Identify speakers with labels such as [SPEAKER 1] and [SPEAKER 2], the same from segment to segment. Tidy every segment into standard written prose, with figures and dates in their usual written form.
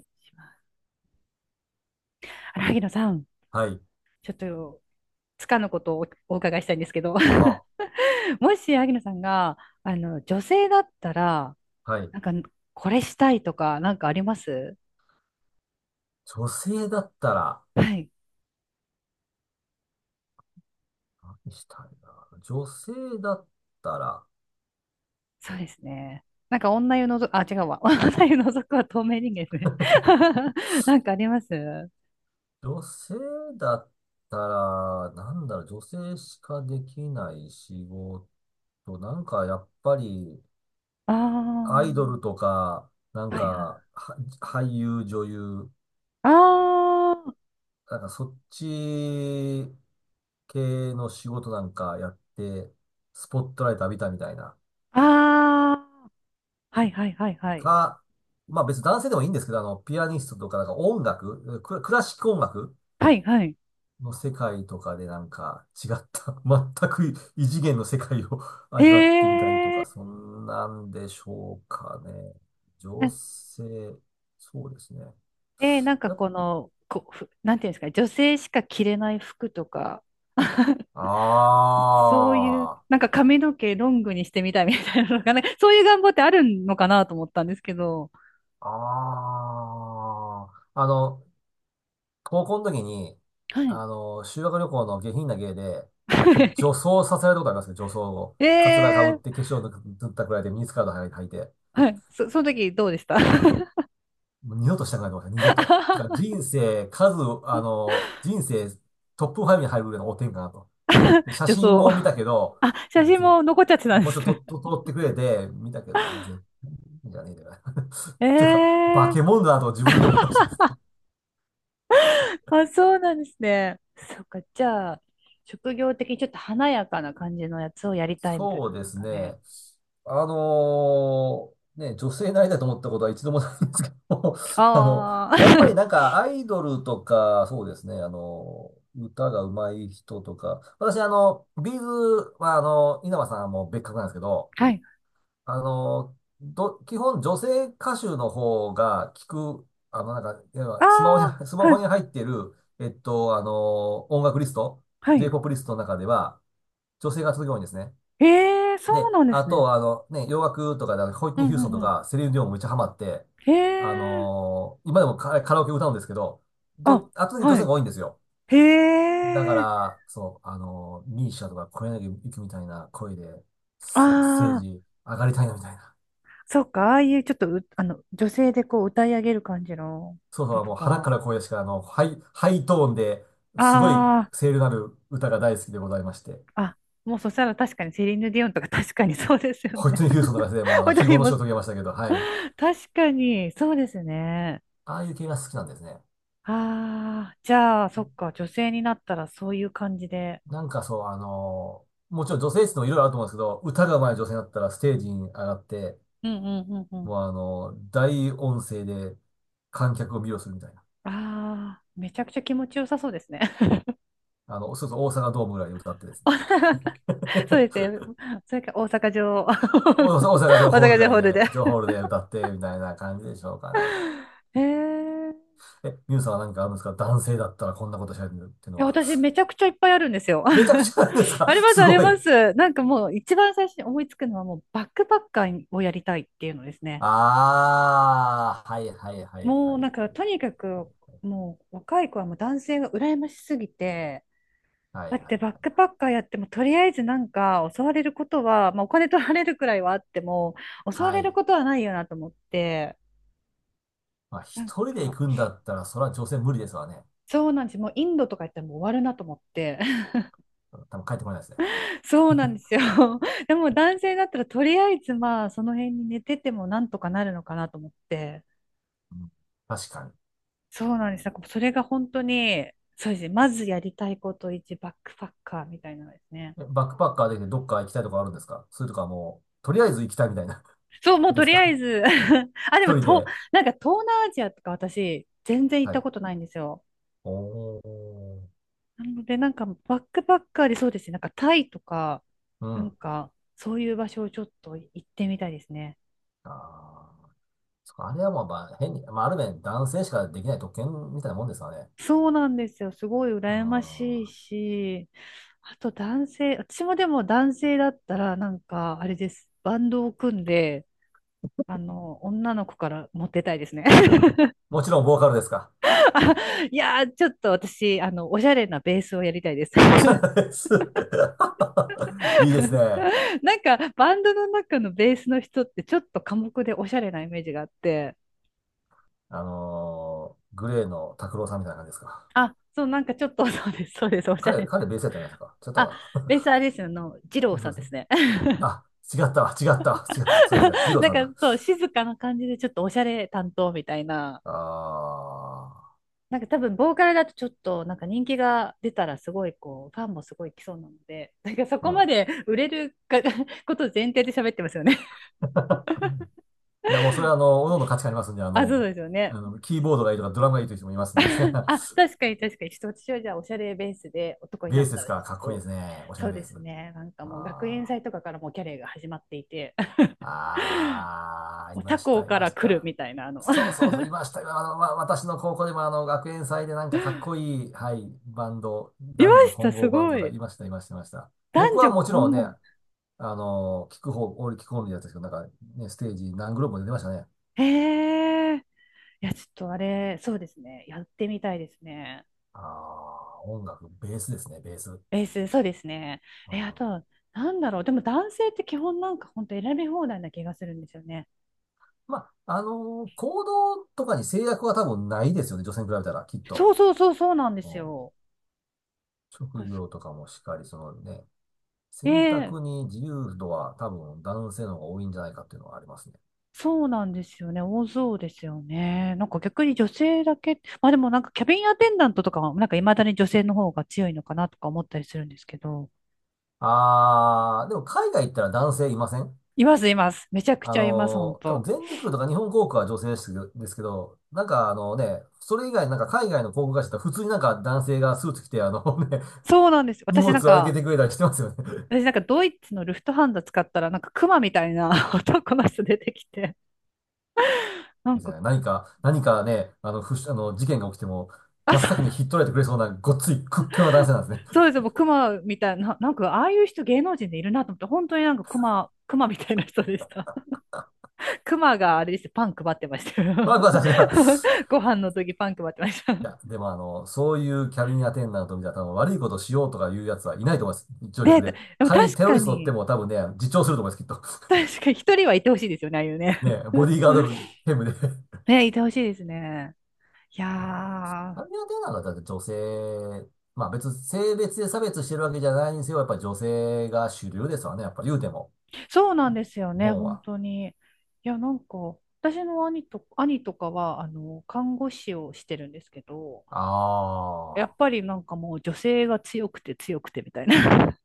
[SPEAKER 1] アますあれ萩野さん、
[SPEAKER 2] はい。
[SPEAKER 1] ちょっとつかぬことをお伺いしたいんですけど。
[SPEAKER 2] は。
[SPEAKER 1] もし萩野さんが女性だったら、
[SPEAKER 2] はい。
[SPEAKER 1] なんかこれしたいとか、なんかあります？
[SPEAKER 2] 女性だったら、
[SPEAKER 1] はい、
[SPEAKER 2] 何したいな。だったら、
[SPEAKER 1] そうですね。なんか女湯のぞ、あ、違うわ。女湯のぞくは透明人間ですね。なんかあります？
[SPEAKER 2] 女性だったら、なんだろう、女性しかできない仕事。なんか、やっぱり、
[SPEAKER 1] あ
[SPEAKER 2] アイド
[SPEAKER 1] あ
[SPEAKER 2] ルとか、な
[SPEAKER 1] ー、
[SPEAKER 2] ん
[SPEAKER 1] はいはい。
[SPEAKER 2] か、俳優、女優、
[SPEAKER 1] あ
[SPEAKER 2] なんか、そっち系の仕事なんかやって、スポットライト浴びたみたいな。
[SPEAKER 1] あ、ああ、はいはいはいはい。
[SPEAKER 2] か、まあ別に男性でもいいんですけど、ピアニストとかなんか音楽、クラシック音楽
[SPEAKER 1] はいはい。
[SPEAKER 2] の世界とかでなんか違った、全く異次元の世界を
[SPEAKER 1] へ
[SPEAKER 2] 味わってみたりと
[SPEAKER 1] え。
[SPEAKER 2] か、そんなんでしょうかね。女性、そうですね。
[SPEAKER 1] で、なんか
[SPEAKER 2] やっ
[SPEAKER 1] この、こ、ふなんていうんですかね、女性しか着れない服とか、そういう、
[SPEAKER 2] あ
[SPEAKER 1] なんか髪の毛ロングにしてみたいみたいなのがね、そういう願望ってあるのかなと思ったんですけど。
[SPEAKER 2] あ、ああ、高校の時に、
[SPEAKER 1] はい。
[SPEAKER 2] 修学旅行の下品な芸で、女 装させられたことありますね、女装を。
[SPEAKER 1] え
[SPEAKER 2] カツラ被っ
[SPEAKER 1] ー、
[SPEAKER 2] て、化粧塗ったくらいでミニスカート履いて、
[SPEAKER 1] はい。その時どうでした？
[SPEAKER 2] もう二度としたくないと思いました、二度と。だから人生、数、あの、人生トップ5に入るぐらいの汚点かなと。で写
[SPEAKER 1] 女
[SPEAKER 2] 真
[SPEAKER 1] 装。
[SPEAKER 2] も見たけど、
[SPEAKER 1] あ、写真
[SPEAKER 2] ぜ、
[SPEAKER 1] も残っちゃってたんで
[SPEAKER 2] もうちょっ
[SPEAKER 1] す
[SPEAKER 2] と
[SPEAKER 1] ね。
[SPEAKER 2] とと撮ってくれて、見たけど、絶対じゃねえだよな。というか、化
[SPEAKER 1] え
[SPEAKER 2] け
[SPEAKER 1] ー、
[SPEAKER 2] 物だなと自分で思いましたね。
[SPEAKER 1] あ、そうなんですね。そっか、じゃあ、職業的にちょっと華やかな感じのやつをやりたいみたいな
[SPEAKER 2] そう
[SPEAKER 1] 感じ
[SPEAKER 2] で
[SPEAKER 1] です
[SPEAKER 2] す
[SPEAKER 1] かね。
[SPEAKER 2] ね。ね、女性になりたいと思ったことは一度もないんですけど、あの、
[SPEAKER 1] あ
[SPEAKER 2] やっぱ
[SPEAKER 1] あ、
[SPEAKER 2] り なんかアイドルとか、そうですね、歌が上手い人とか、私ビーズは稲葉さんも別格なんですけど、
[SPEAKER 1] はい。
[SPEAKER 2] あの、基本女性歌手の方が聞く、なんか、いわ
[SPEAKER 1] あ
[SPEAKER 2] ゆるスマホに、ス
[SPEAKER 1] あ、
[SPEAKER 2] マ
[SPEAKER 1] は
[SPEAKER 2] ホ
[SPEAKER 1] い、
[SPEAKER 2] に入ってる、音楽リスト、
[SPEAKER 1] はい。
[SPEAKER 2] J-POP リストの中では、女性が続く多いんですね。
[SPEAKER 1] へえ、そう
[SPEAKER 2] で、
[SPEAKER 1] なんで
[SPEAKER 2] あ
[SPEAKER 1] すね。
[SPEAKER 2] と、ね、洋楽とかで、ホイット
[SPEAKER 1] う
[SPEAKER 2] ニ
[SPEAKER 1] ん
[SPEAKER 2] ー・
[SPEAKER 1] う
[SPEAKER 2] ヒューストンと
[SPEAKER 1] んうん。
[SPEAKER 2] か、セリーヌ・ディオンもめっちゃハマって、
[SPEAKER 1] へえ、
[SPEAKER 2] 今でもカラオケ歌うんですけど、
[SPEAKER 1] あ、
[SPEAKER 2] 圧倒に女
[SPEAKER 1] は
[SPEAKER 2] 性
[SPEAKER 1] い。
[SPEAKER 2] が多いんですよ。
[SPEAKER 1] へ
[SPEAKER 2] だか
[SPEAKER 1] え、
[SPEAKER 2] ら、そう、ミーシャとか、小柳ゆきみたいな声で、
[SPEAKER 1] あ
[SPEAKER 2] スステー
[SPEAKER 1] あ、
[SPEAKER 2] ジ上がりたいなみたいな。
[SPEAKER 1] そっか、ああいうちょっとう、あの、女性でこう歌い上げる感じの
[SPEAKER 2] そう
[SPEAKER 1] の
[SPEAKER 2] そう、
[SPEAKER 1] と
[SPEAKER 2] もう腹か
[SPEAKER 1] か。
[SPEAKER 2] ら声しか、ハイトーンで、すごい
[SPEAKER 1] あ
[SPEAKER 2] 声量のある歌が大好きでございまして、
[SPEAKER 1] あ、あ、もうそしたら確かにセリーヌ・ディオンとか確かにそうですよ
[SPEAKER 2] ホイット
[SPEAKER 1] ね。
[SPEAKER 2] ニー・ヒューストンとか でも、非
[SPEAKER 1] 踊り
[SPEAKER 2] 業の
[SPEAKER 1] ま
[SPEAKER 2] 死を
[SPEAKER 1] す。
[SPEAKER 2] 遂げましたけど、はい。
[SPEAKER 1] 確かに、そうですね。
[SPEAKER 2] ああいう系が好きなんですね。
[SPEAKER 1] ああ、じゃあ、そっか、女性になったらそういう感じで。
[SPEAKER 2] なんかそう、もちろん女性質のいろいろあると思うんですけど、歌が上手い女性だったらステージに上がって、
[SPEAKER 1] うんうんうんうん。
[SPEAKER 2] もう大音声で観客を魅了するみたいな。
[SPEAKER 1] ああ、めちゃくちゃ気持ちよさそうですね。
[SPEAKER 2] そうそう、大阪ドームぐらいで歌ってですね。
[SPEAKER 1] そうで すね。それか大阪城、
[SPEAKER 2] 大
[SPEAKER 1] 大
[SPEAKER 2] 阪、大阪城ホール
[SPEAKER 1] 阪
[SPEAKER 2] ぐ
[SPEAKER 1] 城
[SPEAKER 2] らい
[SPEAKER 1] ホールで。
[SPEAKER 2] で、城ホールで歌って、みたいな感じでしょうかね。
[SPEAKER 1] へえ。
[SPEAKER 2] え、ミュウさんは何かあるんですか？男性だったらこんなことしゃべるっていう
[SPEAKER 1] い
[SPEAKER 2] の
[SPEAKER 1] や、
[SPEAKER 2] は。
[SPEAKER 1] 私めちゃくちゃいっぱいあるんですよ。
[SPEAKER 2] めちゃくちゃなんです か？
[SPEAKER 1] あります、
[SPEAKER 2] す
[SPEAKER 1] あり
[SPEAKER 2] ご
[SPEAKER 1] ま
[SPEAKER 2] い。
[SPEAKER 1] す。なんかもう一番最初に思いつくのは、もうバックパッカーをやりたいっていうのですね。
[SPEAKER 2] あー、はいはいはいは
[SPEAKER 1] もう
[SPEAKER 2] い
[SPEAKER 1] なん
[SPEAKER 2] は
[SPEAKER 1] か
[SPEAKER 2] い。
[SPEAKER 1] とにかく、もう若い子はもう男性が羨ましすぎて、
[SPEAKER 2] はいは
[SPEAKER 1] だ
[SPEAKER 2] い
[SPEAKER 1] っ
[SPEAKER 2] は
[SPEAKER 1] てバック
[SPEAKER 2] い。
[SPEAKER 1] パッカーやっても、とりあえずなんか襲われることは、まあ、お金取られるくらいはあっても襲わ
[SPEAKER 2] は
[SPEAKER 1] れる
[SPEAKER 2] い。
[SPEAKER 1] ことはないよなと思って。
[SPEAKER 2] まあ、
[SPEAKER 1] な
[SPEAKER 2] 一
[SPEAKER 1] ん
[SPEAKER 2] 人で
[SPEAKER 1] か
[SPEAKER 2] 行くんだったら、それは女性無理ですわね。
[SPEAKER 1] そうなんですよ、もうインドとか行ったらもう終わるなと思って。
[SPEAKER 2] 多分帰ってこないですね。
[SPEAKER 1] そうなんですよ。 でも男性だったら、とりあえずまあその辺に寝ててもなんとかなるのかなと思って。
[SPEAKER 2] うん、確かに。
[SPEAKER 1] そうなんです、なんかそれが本当に、そうですね、まずやりたいこと1、バックパッカーみたいなのですね。
[SPEAKER 2] バックパッカーでどっか行きたいとこあるんですか？それとかもう、とりあえず行きたいみたいな
[SPEAKER 1] そう、も う
[SPEAKER 2] で
[SPEAKER 1] と
[SPEAKER 2] す
[SPEAKER 1] りあ
[SPEAKER 2] か？
[SPEAKER 1] えず、 あ、でも、
[SPEAKER 2] 一人
[SPEAKER 1] と、
[SPEAKER 2] で。
[SPEAKER 1] なんか東南アジアとか私、全然行っ
[SPEAKER 2] は
[SPEAKER 1] た
[SPEAKER 2] い。
[SPEAKER 1] ことないんですよ。
[SPEAKER 2] おー。
[SPEAKER 1] なので、なんかバックパッカーで、そうですね、なんかタイとか、
[SPEAKER 2] う
[SPEAKER 1] なん
[SPEAKER 2] ん。
[SPEAKER 1] かそういう場所をちょっと行ってみたいですね。
[SPEAKER 2] あー。そっかあれはもう、まあ、変に、まあ、ある面男性しかできない特権みたいなもんですわね。
[SPEAKER 1] そうなんですよ。すごい
[SPEAKER 2] うん。
[SPEAKER 1] 羨ましいし、あと男性、私もでも男性だったら、なんかあれです。バンドを組んで、女の子からモテたいですね。
[SPEAKER 2] もちろんボーカルですか？
[SPEAKER 1] あ、いやー、ちょっと私、おしゃれなベースをやりたいです。
[SPEAKER 2] おしゃ れです。いいですね。
[SPEAKER 1] なんかバンドの中のベースの人ってちょっと寡黙でおしゃれなイメージがあって、
[SPEAKER 2] グレーの拓郎さんみたいな感じですか？
[SPEAKER 1] あ、そう、なんかちょっと、そうです、そうです、おしゃ
[SPEAKER 2] 彼、
[SPEAKER 1] れな。
[SPEAKER 2] 彼ベースやったんないですか？違った
[SPEAKER 1] あ、
[SPEAKER 2] か
[SPEAKER 1] ベースあれですよ、二郎
[SPEAKER 2] な。 そう
[SPEAKER 1] さん
[SPEAKER 2] です
[SPEAKER 1] で
[SPEAKER 2] ね。
[SPEAKER 1] すね。
[SPEAKER 2] あ、違ったわ、違ったわ、違った。そうですね。二 郎
[SPEAKER 1] なん
[SPEAKER 2] さん
[SPEAKER 1] か
[SPEAKER 2] だ。
[SPEAKER 1] そう、静かな感じでちょっとおしゃれ担当みたいな。
[SPEAKER 2] あ
[SPEAKER 1] なんか多分ボーカルだとちょっとなんか人気が出たらすごいこうファンもすごい来そうなので、なんかそ
[SPEAKER 2] あ、う
[SPEAKER 1] こま
[SPEAKER 2] ん。
[SPEAKER 1] で売れるか、 ことを前提で喋ってますよね。
[SPEAKER 2] いや、もうそれは各々の価値観ありますんで、
[SPEAKER 1] あ、そうですよね。
[SPEAKER 2] キーボードがいいとかドラムがいいという人もいますんでですね。
[SPEAKER 1] あ、確 かに確かに。ちょっと私はじゃあおしゃれベースで男に
[SPEAKER 2] ベ
[SPEAKER 1] な
[SPEAKER 2] ー
[SPEAKER 1] っ
[SPEAKER 2] スで
[SPEAKER 1] た
[SPEAKER 2] す
[SPEAKER 1] らち
[SPEAKER 2] から、かっこいい
[SPEAKER 1] ょっ
[SPEAKER 2] で
[SPEAKER 1] と、
[SPEAKER 2] すね。おしゃ
[SPEAKER 1] そ
[SPEAKER 2] れ
[SPEAKER 1] う
[SPEAKER 2] ベ
[SPEAKER 1] で
[SPEAKER 2] ース。
[SPEAKER 1] すね。なんかもう学園
[SPEAKER 2] あ
[SPEAKER 1] 祭とかから、もうキャレーが始まっていて、
[SPEAKER 2] あ、ああ、
[SPEAKER 1] も
[SPEAKER 2] い
[SPEAKER 1] う他
[SPEAKER 2] まし
[SPEAKER 1] 校
[SPEAKER 2] た、い
[SPEAKER 1] か
[SPEAKER 2] ま
[SPEAKER 1] ら
[SPEAKER 2] し
[SPEAKER 1] 来る
[SPEAKER 2] た。
[SPEAKER 1] みたいな、
[SPEAKER 2] そう そうそう、いました。私の高校でも学園祭でなんかかっこいい、はい、バンド、
[SPEAKER 1] いま
[SPEAKER 2] 男女
[SPEAKER 1] した、
[SPEAKER 2] 混
[SPEAKER 1] す
[SPEAKER 2] 合バン
[SPEAKER 1] ご
[SPEAKER 2] ドが
[SPEAKER 1] い。
[SPEAKER 2] いました、いました、いました。
[SPEAKER 1] 男
[SPEAKER 2] 僕
[SPEAKER 1] 女
[SPEAKER 2] はもちろん
[SPEAKER 1] 混
[SPEAKER 2] ね、
[SPEAKER 1] 合。
[SPEAKER 2] 聞く方、俺聞く方のやつですけど、なんかね、ステージ何グループも出てましたね。
[SPEAKER 1] へえ。いや、ちょっとあれ、そうですね。やってみたいですね。
[SPEAKER 2] ああ、音楽、ベースですね、ベース。う
[SPEAKER 1] ベース、そうですね。え、あ
[SPEAKER 2] ん、
[SPEAKER 1] と、なんだろう。でも男性って基本なんか本当選び放題な気がするんですよね。
[SPEAKER 2] まあ、行動とかに制約は多分ないですよね、女性に比べたら、きっと。
[SPEAKER 1] そうそうそうそう、なんで
[SPEAKER 2] うん、
[SPEAKER 1] すよ。
[SPEAKER 2] 職業とかもしっかり、そのね、選
[SPEAKER 1] ええ、
[SPEAKER 2] 択に自由度は多分男性の方が多いんじゃないかっていうのはありますね。
[SPEAKER 1] そうなんですよね。多そうですよね。なんか逆に女性だけ、まあでもなんかキャビンアテンダントとかは、なんか未だに女性の方が強いのかなとか思ったりするんですけど。
[SPEAKER 2] ああ、でも海外行ったら男性いません？
[SPEAKER 1] います、います。めちゃくちゃいます、本
[SPEAKER 2] 多分
[SPEAKER 1] 当。
[SPEAKER 2] 全日空とか日本航空は女性ですけど、ですけどなんかね、それ以外なんか海外の航空会社だって普通になんか男性がスーツ着てね、
[SPEAKER 1] そうなんですよ。
[SPEAKER 2] 荷物
[SPEAKER 1] 私
[SPEAKER 2] を
[SPEAKER 1] なん
[SPEAKER 2] 預け
[SPEAKER 1] か、
[SPEAKER 2] てくれたりしてますよね。
[SPEAKER 1] 私なんかドイツのルフトハンダ使ったら、なんかクマみたいな、 男の人出てきて、な
[SPEAKER 2] い
[SPEAKER 1] ん
[SPEAKER 2] いで
[SPEAKER 1] か、
[SPEAKER 2] すね、何か、何かね、あの、ふし、あの、事件が起きても、
[SPEAKER 1] あ、
[SPEAKER 2] 真っ
[SPEAKER 1] そ
[SPEAKER 2] 先に
[SPEAKER 1] う、
[SPEAKER 2] 引っ取られてくれそうなごっつい屈強な男性なんです
[SPEAKER 1] そ
[SPEAKER 2] ね。
[SPEAKER 1] うです、もうクマみたいな、なんかああいう人芸能人でいるなと思って、本当になんかクマ、クマみたいな人でした。クマがあれですよ、パン配ってましたよ。
[SPEAKER 2] ワクワクさすが。
[SPEAKER 1] ご飯の時パン配ってました。
[SPEAKER 2] いや、で もそういうキャビンアテンダントみたいな多分悪いことしようとかいうやつはいないと思います。乗
[SPEAKER 1] ね、
[SPEAKER 2] 客
[SPEAKER 1] で
[SPEAKER 2] で。
[SPEAKER 1] も
[SPEAKER 2] 仮に
[SPEAKER 1] 確
[SPEAKER 2] テロ
[SPEAKER 1] か
[SPEAKER 2] リスト乗って
[SPEAKER 1] に、
[SPEAKER 2] も多分ね、自重すると思います、きっと。
[SPEAKER 1] 確かに 一人はいてほしいですよね、ああいうね。
[SPEAKER 2] ね、ボディーガード 兼務で。
[SPEAKER 1] ね、いてほしいですね。いや
[SPEAKER 2] ああ。
[SPEAKER 1] ー、
[SPEAKER 2] アビアンテナがだって女性、まあ別に性別で差別してるわけじゃないにせよ、やっぱり女性が主流ですわね。やっぱり言うても、
[SPEAKER 1] そうなんですよ
[SPEAKER 2] 日
[SPEAKER 1] ね、
[SPEAKER 2] 本
[SPEAKER 1] 本
[SPEAKER 2] は。
[SPEAKER 1] 当に。いや、なんか、私の兄と、兄とかは、看護師をしてるんですけど、や
[SPEAKER 2] あ
[SPEAKER 1] っ
[SPEAKER 2] あ。
[SPEAKER 1] ぱりなんかもう女性が強くて強くてみたいな。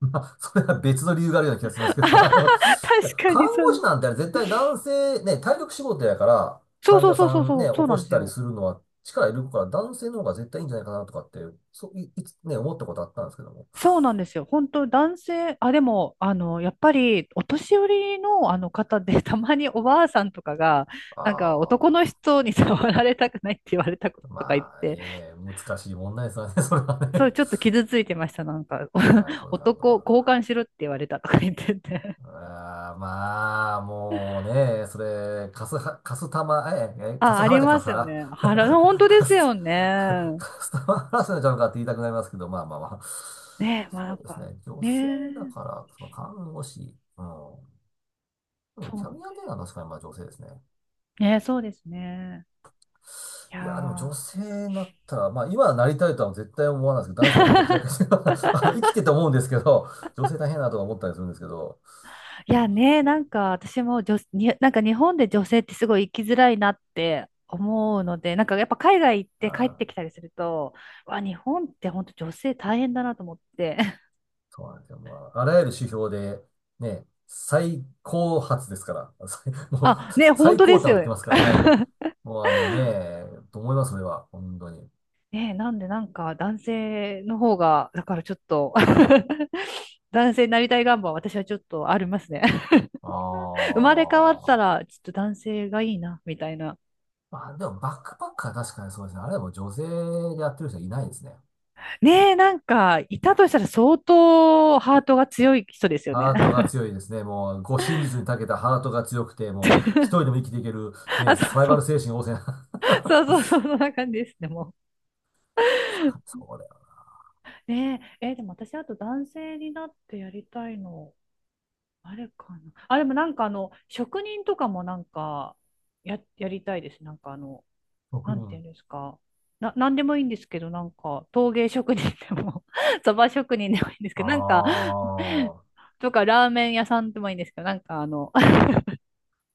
[SPEAKER 2] まあ、それは別の理由があるような気がしますけど。い や、
[SPEAKER 1] 確か
[SPEAKER 2] 看
[SPEAKER 1] にそう
[SPEAKER 2] 護
[SPEAKER 1] で
[SPEAKER 2] 師
[SPEAKER 1] す。
[SPEAKER 2] なんてあれ絶対男性、ね、体力仕事やから、
[SPEAKER 1] そう
[SPEAKER 2] 患
[SPEAKER 1] そう
[SPEAKER 2] 者
[SPEAKER 1] そう
[SPEAKER 2] さ
[SPEAKER 1] そう
[SPEAKER 2] ん
[SPEAKER 1] そ
[SPEAKER 2] ね、
[SPEAKER 1] う、
[SPEAKER 2] 起
[SPEAKER 1] そうな
[SPEAKER 2] こ
[SPEAKER 1] んで
[SPEAKER 2] し
[SPEAKER 1] す
[SPEAKER 2] たり
[SPEAKER 1] よ。
[SPEAKER 2] するのは力いるから、男性の方が絶対いいんじゃないかなとかって、そう、いつね、思ったことあったんですけども。
[SPEAKER 1] そうなんですよ。本当男性、あ、でも、やっぱり、お年寄りの、あの方で、たまにおばあさんとかが、
[SPEAKER 2] あ
[SPEAKER 1] なんか、男の
[SPEAKER 2] あ。
[SPEAKER 1] 人に触られたくないって言われたこととか言っ
[SPEAKER 2] まあ、
[SPEAKER 1] て、
[SPEAKER 2] いいね。難しい問題ですわね、それは
[SPEAKER 1] そう、
[SPEAKER 2] ね。
[SPEAKER 1] ちょっと傷ついてました。なんか、
[SPEAKER 2] なる ほど、なるほど、なる
[SPEAKER 1] 男、
[SPEAKER 2] ほ
[SPEAKER 1] 交
[SPEAKER 2] ど。
[SPEAKER 1] 換しろって言われたとか言ってて。
[SPEAKER 2] あーまあ、もうね、それ、カスは、カスタマ、え、え、カ
[SPEAKER 1] あ、
[SPEAKER 2] ス
[SPEAKER 1] あ
[SPEAKER 2] ハラ
[SPEAKER 1] り
[SPEAKER 2] じゃ
[SPEAKER 1] ま
[SPEAKER 2] カス
[SPEAKER 1] す
[SPEAKER 2] ハ
[SPEAKER 1] よ
[SPEAKER 2] ラ
[SPEAKER 1] ね。腹の、本 当で
[SPEAKER 2] カ
[SPEAKER 1] す
[SPEAKER 2] ス、
[SPEAKER 1] よね。
[SPEAKER 2] カスタマーハラスメントちゃうのかって言いたくなりますけど、まあまあまあ。
[SPEAKER 1] ねえ、まあな
[SPEAKER 2] そ
[SPEAKER 1] ん
[SPEAKER 2] うです
[SPEAKER 1] か、
[SPEAKER 2] ね、女
[SPEAKER 1] ね
[SPEAKER 2] 性だ
[SPEAKER 1] え、
[SPEAKER 2] から、その看護師、うん。でも
[SPEAKER 1] そ
[SPEAKER 2] キ
[SPEAKER 1] う
[SPEAKER 2] ャ
[SPEAKER 1] な
[SPEAKER 2] ビ
[SPEAKER 1] ん
[SPEAKER 2] ア
[SPEAKER 1] で
[SPEAKER 2] ンテー
[SPEAKER 1] す。
[SPEAKER 2] ナーは確かにまあ女性ですね。
[SPEAKER 1] ねえ、そうですね。いや
[SPEAKER 2] いや、でも女
[SPEAKER 1] ー、
[SPEAKER 2] 性になったら、まあ今はなりたいとは絶対思わないですけど、男性の方が絶対気楽に 生きてて思うんですけど、女性大変だなとか思ったりするんですけど、
[SPEAKER 1] いやね、
[SPEAKER 2] そう
[SPEAKER 1] 私もなんか日本で女性ってすごい生きづらいなって思うので、なんかやっぱ海外行っ
[SPEAKER 2] あ
[SPEAKER 1] て帰っ
[SPEAKER 2] ー
[SPEAKER 1] てきたりすると、わ、日本って本当女性大変だなと思って。
[SPEAKER 2] そうなんですよ。もう、あらゆる指標で、ね、最高発ですから。最もう、
[SPEAKER 1] あ、ね、本
[SPEAKER 2] 最
[SPEAKER 1] 当
[SPEAKER 2] 高
[SPEAKER 1] で
[SPEAKER 2] 端
[SPEAKER 1] す
[SPEAKER 2] を
[SPEAKER 1] よ
[SPEAKER 2] 言って
[SPEAKER 1] ね。
[SPEAKER 2] ますから、は い。もう、あのね、と思います、それは。本当に。
[SPEAKER 1] ね、なんでなんか男性の方が、だからちょっと、 男性になりたい願望は私はちょっとありますね。
[SPEAKER 2] あ
[SPEAKER 1] 生まれ変わった
[SPEAKER 2] あ。
[SPEAKER 1] ら、ちょっと男性がいいな、みたいな。
[SPEAKER 2] まあ、でも、バックパッカー確かにそうですね。あれはもう女性でやってる人はいないですね。
[SPEAKER 1] ねえ、なんか、いたとしたら相当ハートが強い人ですよね。
[SPEAKER 2] ハートが 強いですね。もう、護身術に長けたハートが強くて、もう、一人でも生きていける、ね、
[SPEAKER 1] あ、そ
[SPEAKER 2] サ
[SPEAKER 1] う
[SPEAKER 2] バイ
[SPEAKER 1] そ
[SPEAKER 2] バ
[SPEAKER 1] う。
[SPEAKER 2] ル精神旺盛な。
[SPEAKER 1] そうそうそう、そんな感じですね、もう。
[SPEAKER 2] そうだよ。
[SPEAKER 1] ねえ、えーでも私、あと男性になってやりたいの、あれかな。あ、でもなんかあの、職人とかもなんか、やりたいです。なんかあの、
[SPEAKER 2] 職
[SPEAKER 1] なんてい
[SPEAKER 2] 人。
[SPEAKER 1] うんですか。なんでもいいんですけど、なんか、陶芸職人でも、 そば職人でもいいんですけど、なんか
[SPEAKER 2] ああ。
[SPEAKER 1] とか、ラーメン屋さんでもいいんですけど、なんかあの、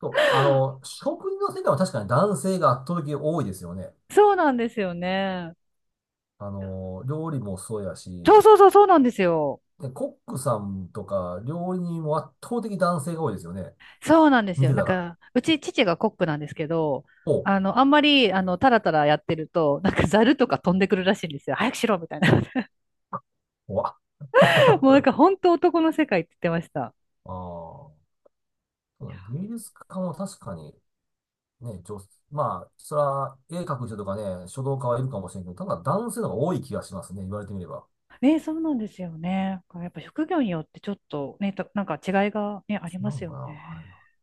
[SPEAKER 2] そう、食事の世界は確かに男性が圧倒的に多いですよね。
[SPEAKER 1] そうなんですよね。
[SPEAKER 2] 料理もそうや
[SPEAKER 1] そ
[SPEAKER 2] し、
[SPEAKER 1] うそうそう、そうなんですよ。
[SPEAKER 2] で、コックさんとか料理人も圧倒的に男性が多いですよね。
[SPEAKER 1] そうなんです
[SPEAKER 2] 見
[SPEAKER 1] よ。
[SPEAKER 2] て
[SPEAKER 1] な
[SPEAKER 2] た
[SPEAKER 1] ん
[SPEAKER 2] ら。
[SPEAKER 1] か、うち父がコックなんですけど、
[SPEAKER 2] おう、
[SPEAKER 1] あの、あんまり、タラタラやってると、なんかザルとか飛んでくるらしいんですよ。早くしろみたいな。
[SPEAKER 2] おわ。
[SPEAKER 1] もうなん
[SPEAKER 2] あ
[SPEAKER 1] か本当男の世界って言ってました。
[SPEAKER 2] あ、そうだ芸術家も確かに、ね、女、まあ、そら、絵描く人とかね、書道家はいるかもしれんけど、ただ男性の方が多い気がしますね、言われてみれば。
[SPEAKER 1] ね、そうなんですよね。やっぱ職業によってちょっとね、なんか違いがね、あり
[SPEAKER 2] 違う
[SPEAKER 1] ます
[SPEAKER 2] の
[SPEAKER 1] よ
[SPEAKER 2] かな。は
[SPEAKER 1] ね。
[SPEAKER 2] い